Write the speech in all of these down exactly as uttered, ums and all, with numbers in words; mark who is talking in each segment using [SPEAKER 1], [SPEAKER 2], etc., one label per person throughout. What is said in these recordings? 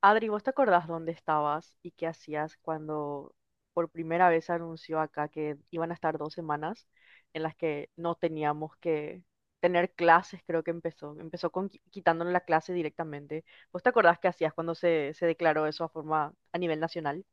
[SPEAKER 1] Adri, ¿vos te acordás dónde estabas y qué hacías cuando por primera vez se anunció acá que iban a estar dos semanas en las que no teníamos que tener clases? Creo que empezó. Empezó con qui- quitándonos la clase directamente. ¿Vos te acordás qué hacías cuando se, se declaró eso a forma a nivel nacional?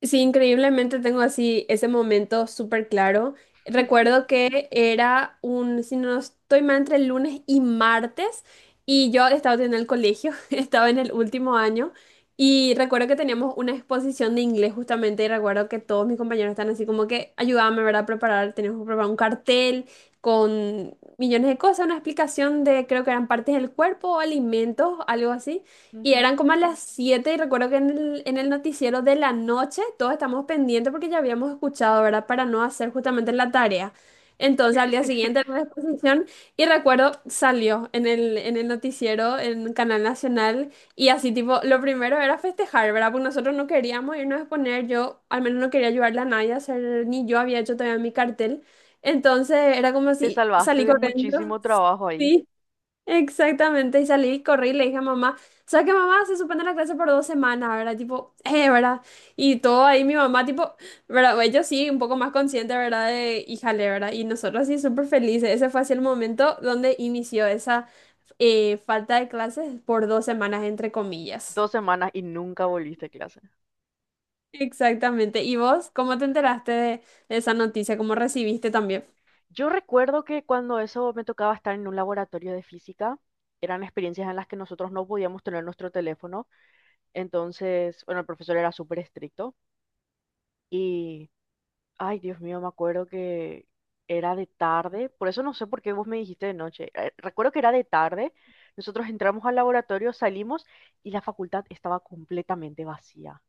[SPEAKER 2] Sí, increíblemente tengo así ese momento súper claro. Recuerdo que era un, si no estoy mal, entre lunes y martes y yo estaba en el colegio, estaba en el último año y recuerdo que teníamos una exposición de inglés justamente y recuerdo que todos mis compañeros están así como que ayudábame, ¿verdad? A preparar, teníamos que preparar un cartel con millones de cosas, una explicación de creo que eran partes del cuerpo, alimentos, algo así. Y
[SPEAKER 1] Ujú.
[SPEAKER 2] eran como a las siete y recuerdo que en el, en el noticiero de la noche todos estamos pendientes porque ya habíamos escuchado, ¿verdad? Para no hacer justamente la tarea. Entonces al día siguiente era la exposición y recuerdo salió en el, en el noticiero, en Canal Nacional y así tipo, lo primero era festejar, ¿verdad? Porque nosotros no queríamos irnos a exponer, yo al menos no quería ayudarle a nadie a hacer, ni yo había hecho todavía mi cartel. Entonces era como
[SPEAKER 1] Te
[SPEAKER 2] si
[SPEAKER 1] salvaste
[SPEAKER 2] salí
[SPEAKER 1] de
[SPEAKER 2] corriendo,
[SPEAKER 1] muchísimo trabajo ahí.
[SPEAKER 2] sí. Exactamente, y salí, corrí y le dije a mamá, sabes sea que mamá se suspende la clase por dos semanas, ¿verdad? Tipo, eh, ¿verdad? Y todo ahí mi mamá, tipo, ¿verdad? Ellos sí, un poco más consciente, ¿verdad? De, híjale, ¿verdad? Y nosotros sí súper felices. Ese fue así el momento donde inició esa eh, falta de clases por dos semanas, entre comillas.
[SPEAKER 1] Dos semanas y nunca volviste a clase.
[SPEAKER 2] Exactamente. ¿Y vos cómo te enteraste de, de esa noticia? ¿Cómo recibiste también?
[SPEAKER 1] Yo recuerdo que cuando eso me tocaba estar en un laboratorio de física, eran experiencias en las que nosotros no podíamos tener nuestro teléfono. Entonces, bueno, el profesor era súper estricto y, ay, Dios mío, me acuerdo que era de tarde, por eso no sé por qué vos me dijiste de noche. eh, recuerdo que era de tarde, nosotros entramos al laboratorio, salimos y la facultad estaba completamente vacía,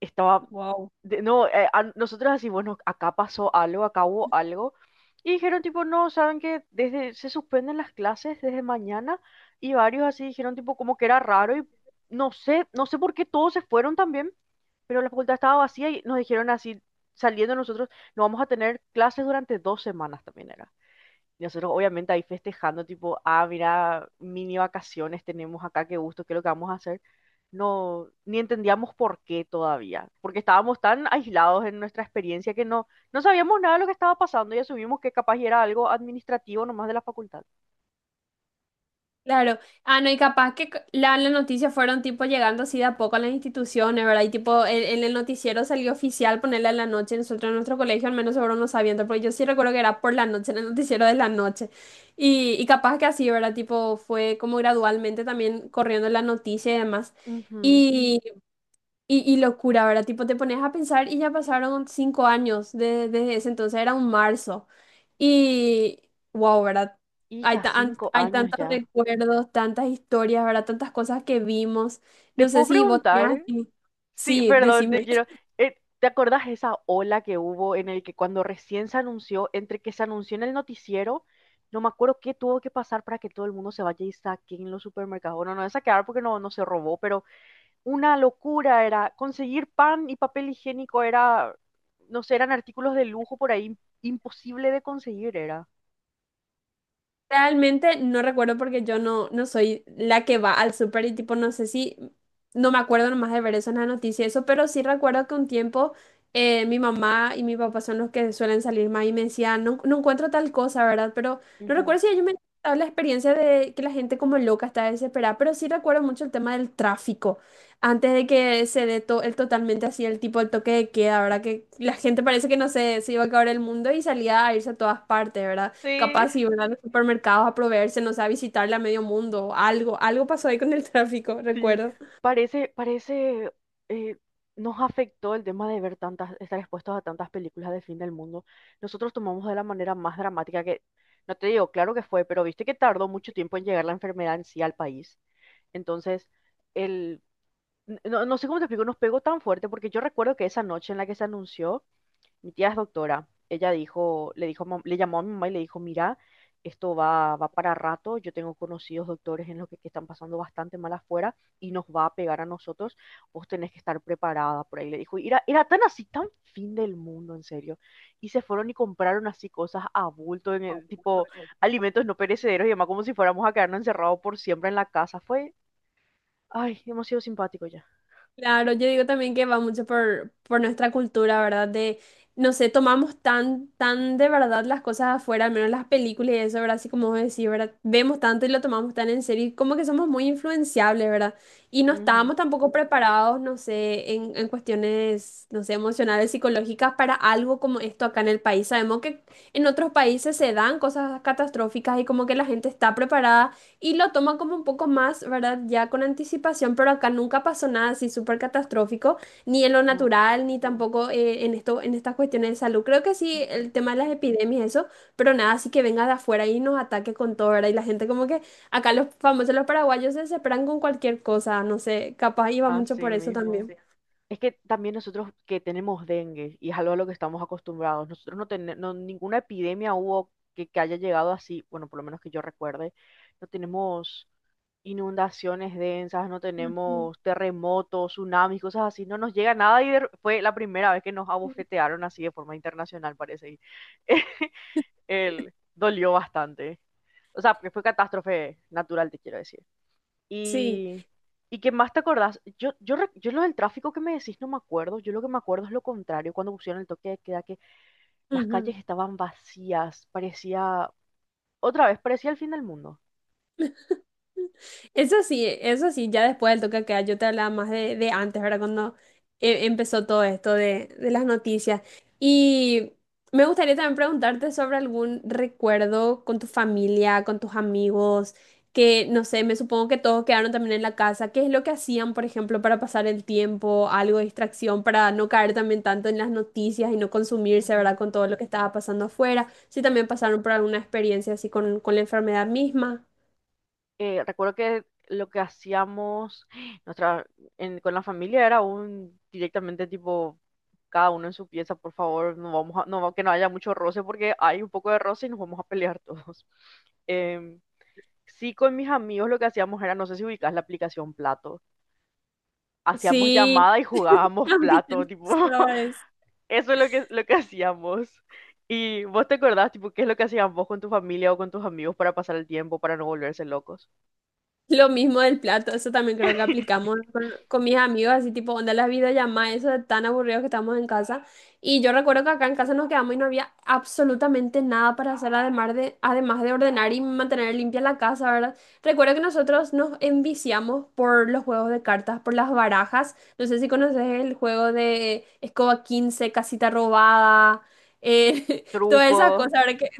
[SPEAKER 1] estaba,
[SPEAKER 2] Wow.
[SPEAKER 1] de- no, eh, a- nosotros así, bueno, acá pasó algo, acá hubo algo. Y dijeron tipo, no, saben que desde, se suspenden las clases desde mañana. Y varios así dijeron tipo como que era raro, y no sé, no sé por qué todos se fueron también, pero la facultad estaba vacía y nos dijeron así, saliendo nosotros, no vamos a tener clases durante dos semanas también era. Y nosotros obviamente ahí festejando, tipo, ah, mira, mini vacaciones tenemos acá, qué gusto, qué es lo que vamos a hacer. No, ni entendíamos por qué todavía, porque estábamos tan aislados en nuestra experiencia que no, no sabíamos nada de lo que estaba pasando y asumimos que capaz era algo administrativo nomás de la facultad.
[SPEAKER 2] Claro, ah, no, y capaz que c- la, la noticia fueron tipo llegando así de a poco a las instituciones, ¿verdad? Y tipo, en, en el noticiero salió oficial ponerla en la noche, nosotros en nuestro colegio al menos seguro no sabiendo, porque yo sí recuerdo que era por la noche, en el noticiero de la noche. Y, y capaz que así, ¿verdad? Tipo, fue como gradualmente también corriendo la noticia y demás. Mm.
[SPEAKER 1] Ujú.
[SPEAKER 2] Y, y, y locura, ¿verdad? Tipo, te pones a pensar y ya pasaron cinco años de- desde ese entonces, era un marzo. Y, wow, ¿verdad? Hay,
[SPEAKER 1] Hija,
[SPEAKER 2] ta- an-
[SPEAKER 1] cinco
[SPEAKER 2] hay
[SPEAKER 1] años
[SPEAKER 2] tantos
[SPEAKER 1] ya.
[SPEAKER 2] recuerdos, tantas historias, ¿verdad? Tantas cosas que vimos.
[SPEAKER 1] Te
[SPEAKER 2] No sé
[SPEAKER 1] puedo
[SPEAKER 2] si vos tenías
[SPEAKER 1] preguntar.
[SPEAKER 2] así.
[SPEAKER 1] Sí,
[SPEAKER 2] Sí,
[SPEAKER 1] perdón, te
[SPEAKER 2] decime.
[SPEAKER 1] quiero. eh, ¿te acordás esa ola que hubo en el que cuando recién se anunció, entre que se anunció en el noticiero? No me acuerdo qué tuvo que pasar para que todo el mundo se vaya y saque en los supermercados. Bueno, no es saquear porque no, no se robó, pero una locura era conseguir pan y papel higiénico era, no sé, eran artículos de lujo por ahí, imposible de conseguir era.
[SPEAKER 2] Realmente no recuerdo porque yo no, no soy la que va al súper y tipo, no sé si, no me acuerdo nomás de ver eso en la noticia, y eso, pero sí recuerdo que un tiempo eh, mi mamá y mi papá son los que suelen salir más y me decían, no, no encuentro tal cosa, ¿verdad? Pero no
[SPEAKER 1] Ujú.
[SPEAKER 2] recuerdo si ellos me contaron la experiencia de que la gente como loca está desesperada, pero sí recuerdo mucho el tema del tráfico, antes de que se dé to- el totalmente así el tipo, el toque de queda, ¿verdad? Que la gente parece que no sé, se iba a acabar el mundo y salía a irse a todas partes, ¿verdad?
[SPEAKER 1] Sí.
[SPEAKER 2] Capaz si van a los supermercados a proveerse, no sé, a visitarle a medio mundo. Algo, algo pasó ahí con el tráfico,
[SPEAKER 1] Sí,
[SPEAKER 2] recuerdo.
[SPEAKER 1] parece, parece, eh, nos afectó el tema de ver tantas, estar expuestos a tantas películas de fin del mundo. Nosotros tomamos de la manera más dramática que, no te digo, claro que fue, pero viste que tardó mucho tiempo en llegar la enfermedad en sí al país. Entonces, el, n- no, no sé cómo te explico, nos pegó tan fuerte porque yo recuerdo que esa noche en la que se anunció, mi tía es doctora. Ella dijo, le dijo, a mam- le llamó a mi mamá y le dijo, mira, esto va, va para rato. Yo tengo conocidos doctores en los que, que están pasando bastante mal afuera y nos va a pegar a nosotros. Vos tenés que estar preparada por ahí. Le dijo, y era, era tan así, tan fin del mundo, en serio. Y se fueron y compraron así cosas a bulto, en el, tipo alimentos no perecederos y demás, como si fuéramos a quedarnos encerrados por siempre en la casa. Fue, ay, demasiado simpático
[SPEAKER 2] Claro, yo digo también que va mucho por, por nuestra cultura, ¿verdad? De, no sé, tomamos tan, tan de verdad las cosas afuera, al menos las películas y eso, ¿verdad? Así como vos decís, ¿verdad? Vemos tanto y lo tomamos tan en serio y como que somos muy influenciables, ¿verdad? Y no
[SPEAKER 1] ya. Ujú.
[SPEAKER 2] estábamos tampoco preparados, no sé, en, en cuestiones, no sé, emocionales, psicológicas para algo como esto acá en el país. Sabemos que en otros países se dan cosas catastróficas y como que la gente está preparada y lo toma como un poco más, ¿verdad? Ya con anticipación, pero acá nunca pasó nada así súper catastrófico, ni en lo
[SPEAKER 1] No,
[SPEAKER 2] natural, ni tampoco eh, en esto, en estas cuestiones de salud. Creo que sí, el tema de las epidemias, eso, pero nada, así que venga de afuera y nos ataque con todo, ¿verdad? Y la gente como que acá los famosos, los paraguayos se desesperan con cualquier cosa, no sé, capaz iba mucho
[SPEAKER 1] así
[SPEAKER 2] por eso
[SPEAKER 1] mismo.
[SPEAKER 2] también.
[SPEAKER 1] Es que también nosotros que tenemos dengue y es algo a lo que estamos acostumbrados, nosotros no tenemos ninguna epidemia hubo que, que haya llegado así, bueno, por lo menos que yo recuerde, no tenemos inundaciones densas, no
[SPEAKER 2] Ujú.
[SPEAKER 1] tenemos terremotos, tsunamis, cosas así, no nos llega nada y de- fue la primera vez que nos abofetearon así de forma internacional, parece. Y el dolió bastante. O sea, que fue catástrofe natural, te quiero decir.
[SPEAKER 2] Sí.
[SPEAKER 1] Y, y qué más te acordás, yo, yo, rec- yo lo del tráfico que me decís no me acuerdo, yo lo que me acuerdo es lo contrario, cuando pusieron el toque de queda, que las
[SPEAKER 2] Ujú.
[SPEAKER 1] calles estaban vacías, parecía, otra vez, parecía el fin del mundo.
[SPEAKER 2] Eso sí, eso sí, ya después del toque de queda, yo te hablaba más de, de antes, ¿verdad? Cuando eh, empezó todo esto de, de las noticias. Y me gustaría también preguntarte sobre algún recuerdo con tu familia, con tus amigos, que no sé, me supongo que todos quedaron también en la casa. ¿Qué es lo que hacían, por ejemplo, para pasar el tiempo, algo de distracción, para no caer también tanto en las noticias y no consumirse,
[SPEAKER 1] Ujú.
[SPEAKER 2] ¿verdad? Con todo lo que estaba pasando afuera. Si también pasaron por alguna experiencia así con, con la enfermedad misma.
[SPEAKER 1] Eh, recuerdo que lo que hacíamos nuestra, en- con la familia era un directamente tipo, cada uno en su pieza, por favor, no vamos a, no, que no haya mucho roce porque hay un poco de roce y nos vamos a pelear todos. Em, sí, con mis amigos lo que hacíamos era, no sé si ubicás la aplicación Plato. Hacíamos
[SPEAKER 2] Sí.
[SPEAKER 1] llamada y jugábamos
[SPEAKER 2] A mí
[SPEAKER 1] plato,
[SPEAKER 2] me
[SPEAKER 1] tipo,
[SPEAKER 2] pasaba eso.
[SPEAKER 1] eso es lo que, lo que hacíamos. ¿Y vos te acordás, tipo, qué es lo que hacían vos con tu familia o con tus amigos para pasar el tiempo, para no volverse locos?
[SPEAKER 2] Lo mismo del plato, eso también creo que aplicamos con, con mis amigos, así tipo, onda las videollamadas, eso de tan aburridos que estamos en casa. Y yo recuerdo que acá en casa nos quedamos y no había absolutamente nada para hacer, además de, además de ordenar y mantener limpia la casa, ¿verdad? Recuerdo que nosotros nos enviciamos por los juegos de cartas, por las barajas. No sé si conoces el juego de Escoba quince Casita Robada, eh, todas esas
[SPEAKER 1] Truco,
[SPEAKER 2] cosas, ¿verdad? Que,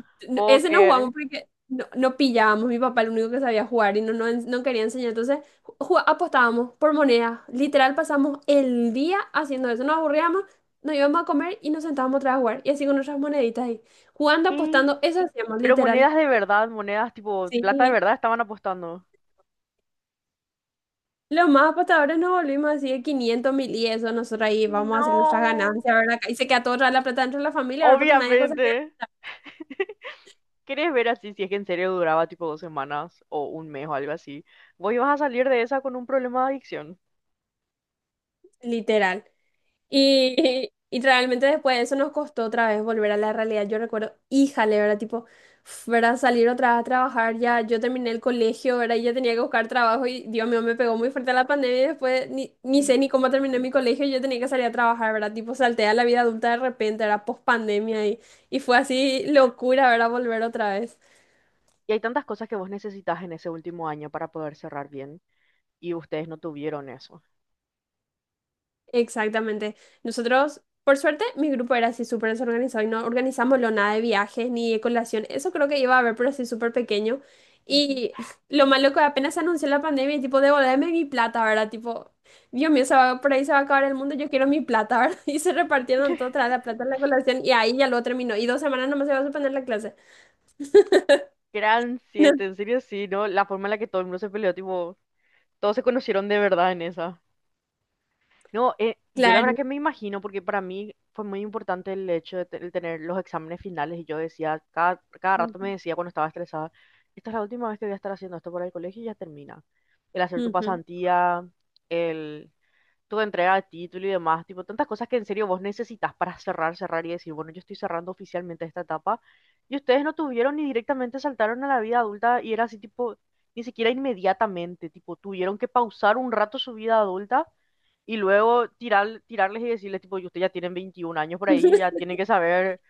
[SPEAKER 2] ese no jugamos
[SPEAKER 1] póker,
[SPEAKER 2] porque... No, no pillábamos, mi papá el único que sabía jugar y no, no, no quería enseñar. Entonces ju- apostábamos por monedas. Literal pasamos el día haciendo eso. Nos aburríamos, nos íbamos a comer y nos sentábamos otra vez a jugar. Y así con nuestras moneditas ahí. Jugando,
[SPEAKER 1] y,
[SPEAKER 2] apostando, eso hacíamos,
[SPEAKER 1] pero
[SPEAKER 2] literal.
[SPEAKER 1] monedas de verdad, monedas tipo, plata de
[SPEAKER 2] Sí,
[SPEAKER 1] verdad estaban apostando.
[SPEAKER 2] los más apostadores nos volvimos así de quinientos mil y eso. Nosotros ahí vamos a hacer nuestras
[SPEAKER 1] No,
[SPEAKER 2] ganancias, ¿verdad? Y se queda toda la plata dentro de la familia, ahora. Porque nadie cosa que...
[SPEAKER 1] obviamente. ¿Querés ver así si es que en serio duraba tipo dos semanas o un mes o algo así? Vos ibas a salir de esa con un problema de adicción.
[SPEAKER 2] Literal. Y, y realmente después de eso nos costó otra vez volver a la realidad. Yo recuerdo, híjale, ¿verdad? Tipo, f- ¿verdad? Salir otra vez a trabajar. Ya yo terminé el colegio, ¿verdad? Y ya tenía que buscar trabajo y Dios mío, me pegó muy fuerte la pandemia y después ni, ni sé ni cómo terminé mi colegio y yo tenía que salir a trabajar, ¿verdad? Tipo, salté a la vida adulta de repente, era post pandemia y, y fue así locura, ¿verdad? Volver otra vez.
[SPEAKER 1] Y hay tantas cosas que vos necesitas en ese último año para poder cerrar bien. Y ustedes no tuvieron eso.
[SPEAKER 2] Exactamente. Nosotros, por suerte, mi grupo era así súper desorganizado y no organizamos lo nada de viajes ni de colación. Eso creo que iba a haber, pero así súper pequeño.
[SPEAKER 1] Ujú.
[SPEAKER 2] Y lo malo que apenas se anunció la pandemia, y tipo, devolverme mi plata, ¿verdad? Tipo, Dios mío, se va- por ahí se va a acabar el mundo, yo quiero mi plata, ¿verdad? Y se repartieron todo, tras la plata en la colación y ahí ya lo terminó. Y dos semanas nomás se va a suspender la clase.
[SPEAKER 1] Gran
[SPEAKER 2] No,
[SPEAKER 1] siete, en serio sí, ¿no? La forma en la que todo el mundo se peleó, tipo, todos se conocieron de verdad en esa. No, eh, yo la verdad
[SPEAKER 2] claro.
[SPEAKER 1] que me imagino, porque para mí fue muy importante el hecho de, te- el tener los exámenes finales. Y yo decía, cada, cada rato me
[SPEAKER 2] Ujú,
[SPEAKER 1] decía cuando estaba estresada, esta es la última vez que voy a estar haciendo esto para el colegio y ya termina. El hacer tu
[SPEAKER 2] ujú.
[SPEAKER 1] pasantía, el tu entrega de título y demás, tipo, tantas cosas que en serio vos necesitas para cerrar, cerrar y decir, bueno, yo estoy cerrando oficialmente esta etapa, y ustedes no tuvieron ni directamente saltaron a la vida adulta y era así, tipo, ni siquiera inmediatamente, tipo, tuvieron que pausar un rato su vida adulta y luego tirar, tirarles y decirles, tipo, y ustedes ya tienen 21 años por ahí, ya tienen que saber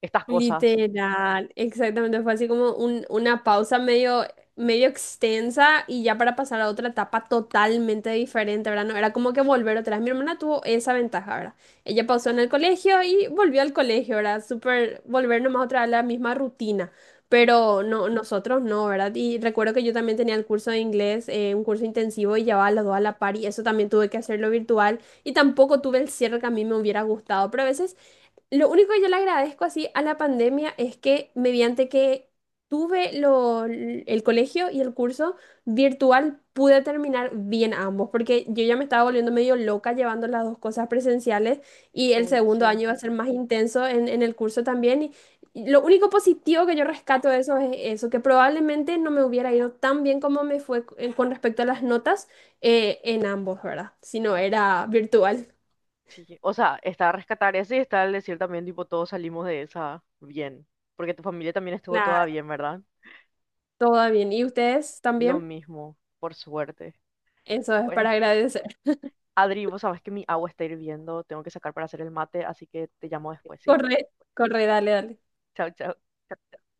[SPEAKER 1] estas cosas.
[SPEAKER 2] Literal, exactamente, fue así como un- una pausa medio, medio extensa y ya para pasar a otra etapa totalmente diferente, ¿verdad? No, era como que volver atrás. Mi hermana tuvo esa ventaja, ¿verdad? Ella pausó en el colegio y volvió al colegio, ¿verdad? Súper, volver nomás otra vez a la misma rutina, pero no, nosotros no, ¿verdad? Y recuerdo que yo también tenía el curso de inglés, eh, un curso intensivo y llevaba los dos a la par y eso también tuve que hacerlo virtual y tampoco tuve el cierre que a mí me hubiera gustado, pero a veces lo único que yo le agradezco así a la pandemia es que mediante que tuve lo- el colegio y el curso virtual pude terminar bien ambos, porque yo ya me estaba volviendo medio loca llevando las dos cosas presenciales y el
[SPEAKER 1] Uy,
[SPEAKER 2] segundo
[SPEAKER 1] sí.
[SPEAKER 2] año iba a ser más intenso en, en el curso también. Y, y lo único positivo que yo rescato de eso es eso, que probablemente no me hubiera ido tan bien como me fue eh, con respecto a las notas eh, en ambos, ¿verdad? Si no era virtual.
[SPEAKER 1] Sí, o sea, está rescatar ese y está el decir también, tipo, todos salimos de esa bien, porque tu familia también estuvo toda
[SPEAKER 2] Nada,
[SPEAKER 1] bien, ¿verdad?
[SPEAKER 2] todo bien. ¿Y ustedes
[SPEAKER 1] Lo
[SPEAKER 2] también?
[SPEAKER 1] mismo, por suerte.
[SPEAKER 2] Eso es
[SPEAKER 1] Bueno,
[SPEAKER 2] para agradecer.
[SPEAKER 1] Adri, vos sabés que mi agua está hirviendo, tengo que sacar para hacer el mate, así que te llamo después, ¿sí?
[SPEAKER 2] Corre, corre, dale, dale.
[SPEAKER 1] Chao, chao.